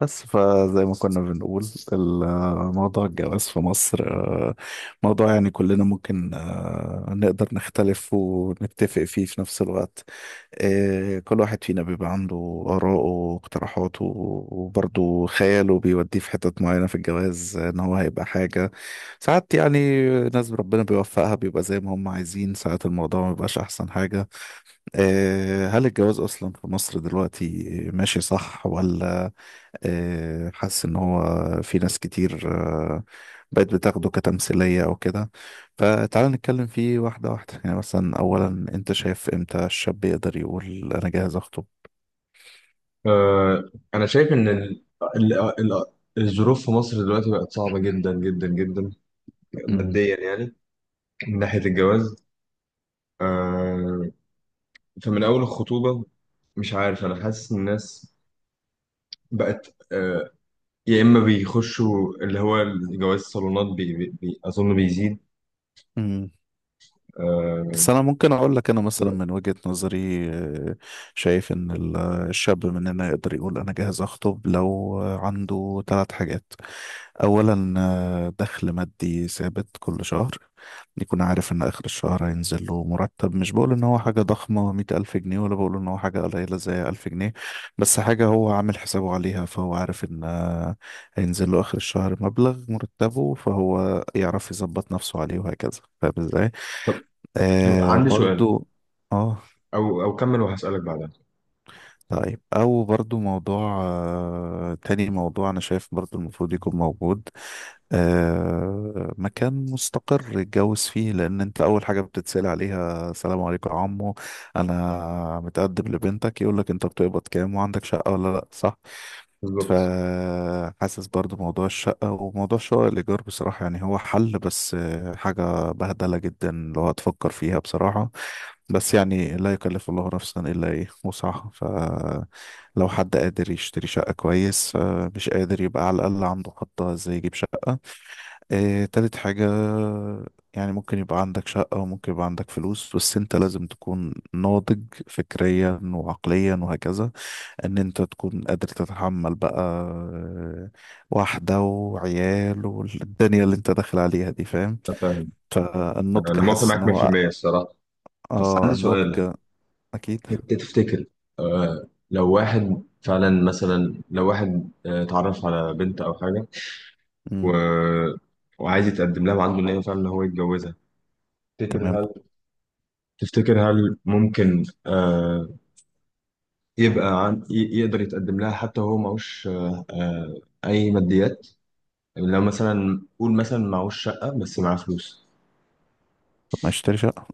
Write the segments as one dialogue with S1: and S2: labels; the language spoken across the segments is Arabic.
S1: بس فزي ما كنا بنقول الموضوع الجواز في مصر، موضوع يعني كلنا ممكن نقدر نختلف ونتفق فيه في نفس الوقت. كل واحد فينا بيبقى عنده آراءه واقتراحاته، وبرضه خياله بيوديه في حتت معينة في الجواز، إن هو هيبقى حاجة. ساعات يعني ناس ربنا بيوفقها بيبقى زي ما هم عايزين، ساعات الموضوع ما بيبقاش أحسن حاجة. هل الجواز أصلا في مصر دلوقتي ماشي صح ولا؟ حاسس ان هو في ناس كتير بقت بتاخده كتمثيلية او كده. فتعال نتكلم فيه واحدة واحدة، يعني مثلا اولا انت شايف امتى الشاب يقدر يقول انا جاهز اخطب؟
S2: أنا شايف إن ال... ال... الظروف في مصر دلوقتي بقت صعبة جدا جدا جدا
S1: مم.
S2: ماديا يعني، من ناحية الجواز. آه، فمن أول الخطوبة مش عارف، أنا حاسس إن الناس بقت، يا إما بيخشوا اللي هو جواز الصالونات أظن بيزيد.
S1: مم.
S2: آه،
S1: بس انا ممكن اقول لك انا
S2: طب
S1: مثلا من وجهة نظري، شايف ان الشاب مننا يقدر يقول انا جاهز اخطب لو عنده ثلاث حاجات. اولا دخل مادي ثابت كل شهر، يكون عارف ان اخر الشهر هينزل له مرتب. مش بقول ان هو حاجة ضخمة 100,000 جنيه، ولا بقول ان هو حاجة قليلة زي 1000 جنيه، بس حاجة هو عامل حسابه عليها، فهو عارف ان هينزل له اخر الشهر مبلغ مرتبه، فهو يعرف يظبط نفسه عليه وهكذا. فاهم ازاي؟
S2: طب عندي سؤال.
S1: برضو. اه.
S2: أو كمل وهسألك بعدها.
S1: طيب، او برضو موضوع، تاني موضوع انا شايف برضو المفروض يكون موجود، مكان مستقر يتجوز فيه. لان انت اول حاجة بتتسأل عليها: السلام عليكم يا عمو، انا متقدم لبنتك. يقول لك انت بتقبض كام وعندك شقة ولا لا. صح؟
S2: بالظبط،
S1: فحاسس برضو موضوع الشقة وموضوع شقة الإيجار بصراحة يعني هو حل، بس حاجة بهدلة جدا لو هتفكر فيها بصراحة. بس يعني لا يكلف الله نفسا إلا إيه وسعها، فلو حد قادر يشتري شقة كويس، مش قادر يبقى على الأقل عنده خطة إزاي يجيب شقة. تالت حاجة، يعني ممكن يبقى عندك شقة وممكن يبقى عندك فلوس، بس أنت لازم تكون ناضج فكريا وعقليا وهكذا، إن أنت تكون قادر تتحمل بقى واحدة وعيال والدنيا اللي أنت داخل عليها دي. فاهم؟
S2: أنا فاهم. أنا
S1: فالنضج،
S2: موافق
S1: حاسس إن
S2: معاك
S1: هو
S2: 100% الصراحة، بس عندي سؤال.
S1: النضج أكيد.
S2: انت تفتكر، لو واحد فعلا مثلا، لو واحد اتعرف على بنت او حاجه و... وعايز يتقدم لها وعنده نيه فعلا ان هو يتجوزها.
S1: تمام.
S2: تفتكر هل تفتكر هل ممكن يبقى يقدر يتقدم لها، حتى هو معهوش اي ماديات؟ لو مثلا، قول مثلا معهوش شقه بس معاه فلوس.
S1: طب ما يشتري شقة؟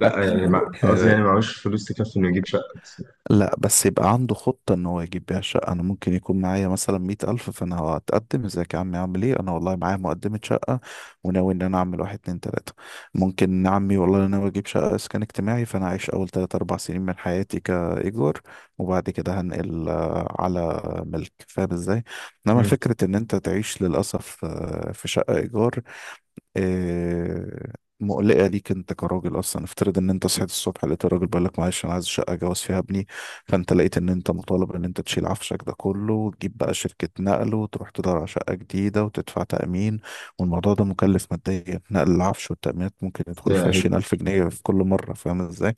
S2: لا يعني، قصدي يعني معهوش فلوس تكفي انه يجيب شقه بس.
S1: لا، بس يبقى عنده خطة ان هو يجيب بيها شقة. انا ممكن يكون معايا مثلا 100,000، فانا هتقدم. ازيك يا عمي عامل ايه؟ انا والله معايا مقدمة شقة، وناوي ان انا اعمل واحد اتنين تلاتة. ممكن عمي والله انا ناوي اجيب شقة اسكان اجتماعي، فانا عايش اول تلات اربع سنين من حياتي كايجار، وبعد كده هنقل على ملك. فاهم ازاي؟ انما فكرة ان انت تعيش للأسف في شقة ايجار آه، مقلقة ليك انت كراجل. اصلا افترض ان انت صحيت الصبح لقيت الراجل بيقول لك معلش انا عايز شقة جواز فيها ابني، فانت لقيت ان انت مطالب ان انت تشيل عفشك ده كله وتجيب بقى شركة نقل وتروح تدور على شقة جديدة وتدفع تأمين. والموضوع ده مكلف ماديا، نقل العفش والتأمينات ممكن يدخل في
S2: مم.
S1: 20,000 جنيه في كل مرة. فاهم ازاي؟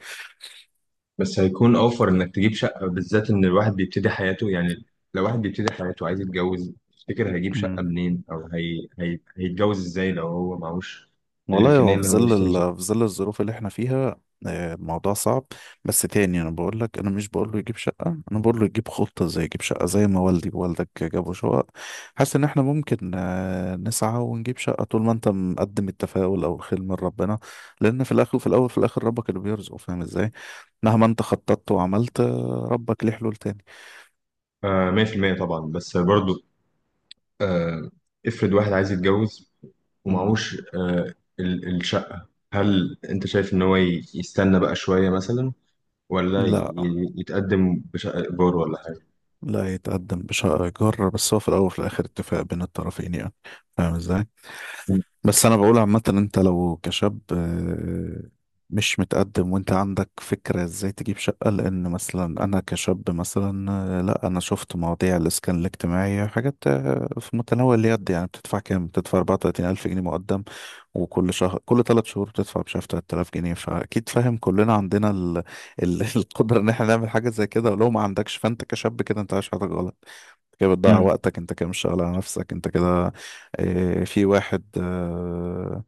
S2: بس هيكون اوفر انك تجيب شقه، بالذات ان الواحد بيبتدي حياته يعني. لو واحد بيبتدي حياته عايز يتجوز، تفتكر هيجيب شقه منين، او هيتجوز ازاي لو هو معهوش
S1: والله
S2: الامكانيه
S1: هو في
S2: ان هو
S1: ظل
S2: يشتري شقه؟
S1: في ظل الظروف اللي احنا فيها، الموضوع صعب. بس تاني انا بقول لك، انا مش بقول له يجيب شقة، انا بقول له يجيب خطة، زي يجيب شقة زي ما والدي ووالدك جابوا شقق. حاسس ان احنا ممكن نسعى ونجيب شقة طول ما انت مقدم التفاؤل او الخير من ربنا. لان في الاخر وفي الاول في الاخر ربك اللي بيرزق. فاهم ازاي؟ مهما انت خططت وعملت، ربك ليه حلول تاني.
S2: 100% طبعا، بس برضو آه افرض واحد عايز يتجوز
S1: مم.
S2: ومعهوش، الشقه، هل انت شايف ان هو يستنى بقى شويه مثلا، ولا
S1: لا،
S2: يتقدم بشقه ايجار ولا حاجه؟
S1: لا يتقدم بشقة إيجار، بس هو في الأول وفي الآخر اتفاق بين الطرفين يعني. فاهم ازاي؟ بس انا بقول عامة، انت لو كشاب مش متقدم وانت عندك فكرة ازاي تجيب شقة، لان مثلا انا كشاب مثلا، لا انا شفت مواضيع الاسكان الاجتماعي، حاجات في متناول اليد. يعني بتدفع كام؟ بتدفع 34 الف جنيه مقدم، وكل شهر كل ثلاث شهور بتدفع مش عارف 3000 جنيه. فاكيد فاهم كلنا عندنا القدره ان احنا نعمل حاجه زي كده. ولو ما عندكش فانت كشاب كده انت عايش حياتك غلط، انت كده بتضيع
S2: مم.
S1: وقتك، انت كده مش شغال على نفسك، انت كده في واحد.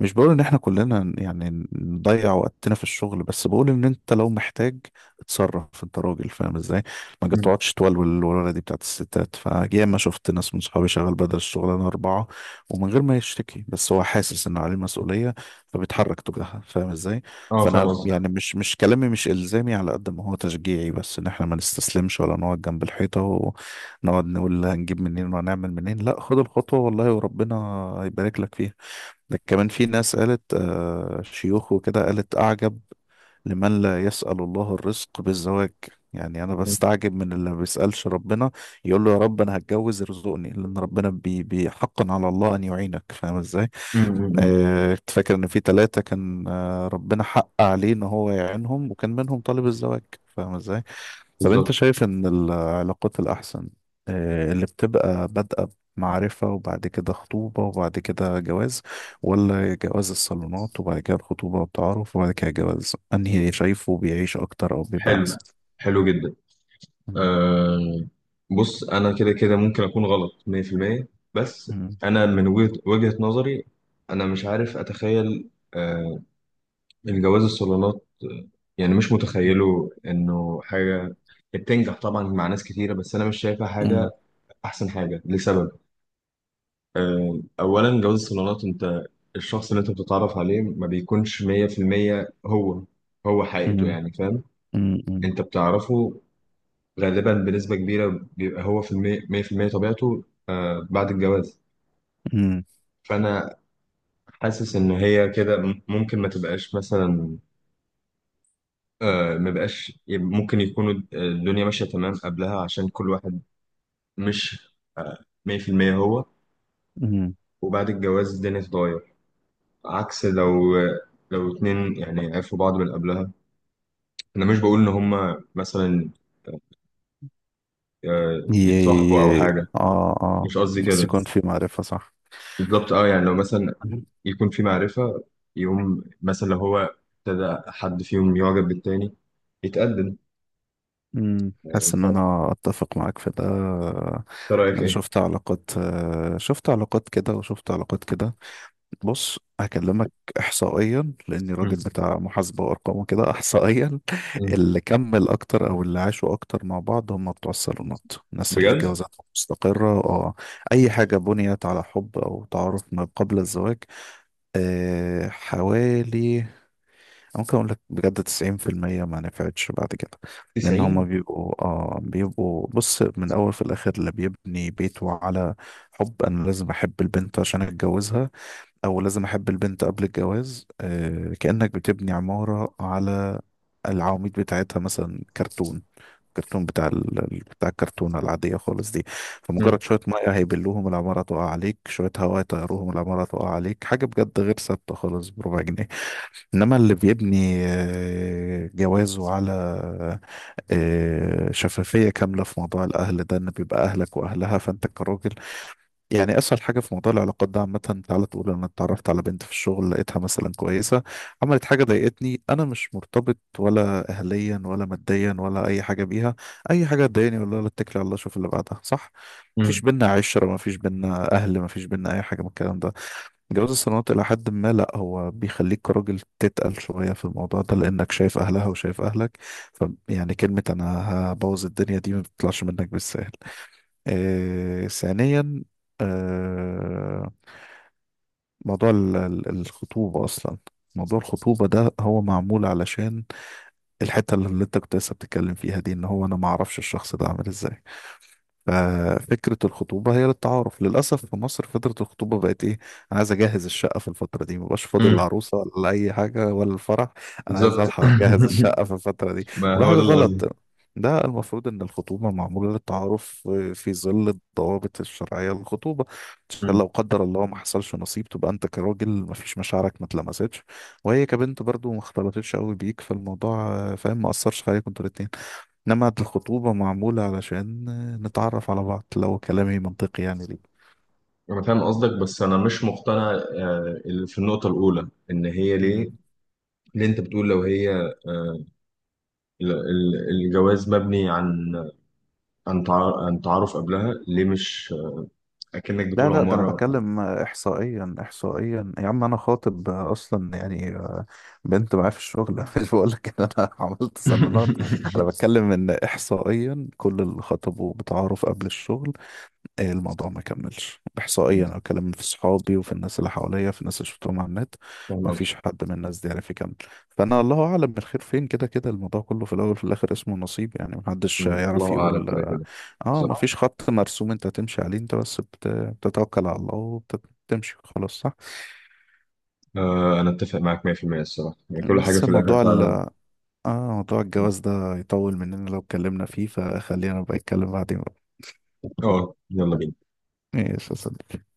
S1: مش بقول ان احنا كلنا يعني نضيع وقتنا في الشغل، بس بقول ان انت لو محتاج اتصرف. انت راجل فاهم ازاي. ما
S2: مم.
S1: تقعدش تولول، الولوله دي بتاعت الستات. فجاي ما شفت ناس من صحابي شغال بدل الشغلانه اربعه ومن غير ما يشتكي، بس هو حاسس انه عليه مسؤولية فبيتحرك تجاهها. فاهم ازاي؟
S2: اه، فاهم
S1: فانا
S2: قصدي.
S1: يعني مش كلامي مش الزامي على قد ما هو تشجيعي، بس ان احنا ما نستسلمش ولا نقعد جنب الحيطة ونقعد نقول هنجيب منين وهنعمل منين. لا، خد الخطوة والله وربنا هيبارك لك فيها. ده كمان في ناس قالت شيوخ وكده، قالت: اعجب لمن لا يسأل الله الرزق بالزواج. يعني أنا
S2: مم.
S1: بستعجب من اللي ما بيسألش ربنا يقول له يا رب أنا هتجوز ارزقني. لأن ربنا حقا على الله أن يعينك. فاهم إزاي؟
S2: مم. مم.
S1: كنت فاكر إن في ثلاثة كان ربنا حق عليه إن هو يعينهم، وكان منهم طالب الزواج. فاهم إزاي؟ طب انت
S2: بالظبط.
S1: شايف ان العلاقات الاحسن، اللي بتبقى بادئة معرفة وبعد كده خطوبة وبعد كده جواز، ولا جواز الصالونات وبعد كده الخطوبة والتعارف وبعد كده جواز؟ انهي شايفه بيعيش اكتر او بيبقى
S2: حلو،
S1: احسن؟
S2: حلو جدا.
S1: مم.
S2: أه، بص انا كده كده ممكن اكون غلط 100%، بس
S1: مم.
S2: انا من وجهة نظري، انا مش عارف اتخيل، الجواز الصالونات، يعني مش متخيله انه حاجة بتنجح طبعا مع ناس كتيرة، بس انا مش شايفها حاجة
S1: مم.
S2: احسن حاجة لسبب. اولا، جواز الصالونات، انت الشخص اللي انت بتتعرف عليه ما بيكونش 100% هو هو حقيقته
S1: مم.
S2: يعني، فاهم.
S1: مم.
S2: انت بتعرفه غالبا بنسبة كبيرة، بيبقى هو في المية مية في المية طبيعته بعد الجواز.
S1: مم.
S2: فأنا حاسس إن هي كده ممكن ما تبقاش مثلا، ما بقاش، ممكن يكون الدنيا ماشية تمام قبلها عشان كل واحد مش مية في المية هو،
S1: مم.
S2: وبعد الجواز الدنيا تتغير. عكس لو اتنين يعني عرفوا بعض من قبلها. أنا مش بقول إن هما مثلا، يتصاحبوا أو
S1: يي-
S2: حاجة،
S1: اه، اه،
S2: مش قصدي
S1: بس
S2: كده.
S1: يكون في معرفة صح؟
S2: بالظبط، اه يعني لو مثلا يكون في معرفة، يقوم مثلا لو هو ابتدى حد فيهم يعجب بالتاني يتقدم.
S1: حاسس
S2: انت
S1: ان
S2: إنت
S1: انا اتفق معاك في ده.
S2: رأيك
S1: انا
S2: ايه؟
S1: شفت علاقات، شفت علاقات كده وشفت علاقات كده. بص هكلمك احصائيا، لاني
S2: مم.
S1: راجل بتاع محاسبه وارقام وكده. احصائيا
S2: مم.
S1: اللي كمل اكتر او اللي عاشوا اكتر مع بعض هم بتوع الصالونات، الناس اللي
S2: بجد؟
S1: جوازاتهم مستقره. اه، اي حاجه بنيت على حب او تعارف ما قبل الزواج، حوالي ممكن اقول لك بجد 90% ما نفعتش بعد كده. لان هما
S2: 90.
S1: بيبقوا، بيبقوا بص، من الاول في الاخر اللي بيبني بيته على حب، انا لازم احب البنت عشان اتجوزها او لازم احب البنت قبل الجواز، كأنك بتبني عمارة على العواميد بتاعتها مثلا كرتون، كرتون بتاع بتاع الكرتونة العادية خالص دي.
S2: مم.
S1: فمجرد شوية مية هيبلوهم العمارة تقع عليك، شوية هواء يطيروهم العمارة تقع عليك. حاجة بجد غير ثابتة خالص، بربع جنيه. انما اللي بيبني جوازه على شفافيه كامله في موضوع الاهل ده، ان بيبقى اهلك واهلها. فانت كراجل، يعني اسهل حاجه في موضوع العلاقات ده عامه، تعالى تقول انا اتعرفت على بنت في الشغل لقيتها مثلا كويسه، عملت حاجه ضايقتني. انا مش مرتبط ولا اهليا ولا ماديا ولا اي حاجه بيها، اي حاجه تضايقني، ولا اتكل على الله اشوف اللي بعدها. صح؟ مفيش
S2: مم.
S1: بينا عشرة، مفيش بينا أهل، مفيش بينا أي حاجة من الكلام ده. جواز الصالونات إلى حد ما لأ، هو بيخليك كراجل تتقل شوية في الموضوع ده، لأنك شايف أهلها وشايف أهلك. ف يعني كلمة أنا هبوظ الدنيا دي ما بتطلعش منك بالسهل. ثانيا، آه موضوع الخطوبة أصلا. موضوع الخطوبة ده هو معمول علشان الحتة اللي انت كنت لسه بتتكلم فيها دي، ان هو انا ما اعرفش الشخص ده عامل ازاي. ففكرة الخطوبة هي للتعارف. للأسف في مصر فترة الخطوبة بقت إيه؟ أنا عايز أجهز الشقة في الفترة دي، مبقاش فاضي
S2: مم.
S1: للعروسة ولا أي حاجة ولا الفرح. أنا عايز
S2: بالظبط.
S1: ألحق أجهز الشقة في الفترة دي.
S2: ما
S1: وده
S2: هو
S1: حاجة
S2: ده اللي
S1: غلط.
S2: قصدي.
S1: ده المفروض إن الخطوبة معمولة للتعارف في ظل الضوابط الشرعية للخطوبة، عشان
S2: مم.
S1: لو قدر الله ما حصلش نصيب تبقى أنت كراجل ما فيش مشاعرك ما اتلمستش، وهي كبنت برضو ما اختلطتش قوي بيك فالموضوع، فاهم، ما أثرش عليكم انتوا الاتنين. إنما الخطوبة معمولة علشان نتعرف على بعض. لو كلامي منطقي يعني ليه؟
S2: انا فاهم قصدك، بس انا مش مقتنع، اللي في النقطة الأولى، ان هي
S1: مم.
S2: ليه. اللي انت بتقول لو هي، الجواز مبني عن تعارف قبلها ليه؟ مش اكنك
S1: لا
S2: بتقول
S1: لا، ده أنا
S2: عمارة.
S1: بتكلم إحصائيا، إحصائيا يا عم أنا خاطب أصلا يعني، بنت معايا في الشغل. مش بقول لك إن أنا عملت صالونات. أنا بتكلم إن إحصائيا كل اللي خطبوا بتعارف قبل الشغل إيه؟ الموضوع ما كملش. احصائيا انا بكلم في صحابي وفي الناس اللي حواليا، في الناس اللي شفتهم على النت،
S2: فاهم.
S1: ما فيش حد من الناس دي عرف يكمل. فانا الله اعلم بالخير فين. كده كده الموضوع كله في الاول وفي الاخر اسمه نصيب يعني، محدش
S2: مم.
S1: يعرف
S2: الله أعلم،
S1: يقول.
S2: كده
S1: اه،
S2: كده.
S1: ما
S2: بالظبط،
S1: فيش خط مرسوم انت تمشي عليه، انت بس بتتوكل على الله وبتمشي خلاص. صح.
S2: أنا أتفق معاك 100% الصراحة، يعني كل حاجة
S1: بس
S2: في الآخر
S1: موضوع ال
S2: فعلا.
S1: اه موضوع الجواز ده يطول مننا لو اتكلمنا فيه، فخلينا بقى نتكلم بعدين بقى.
S2: أه يلا بينا.
S1: ماشي يا صديقي.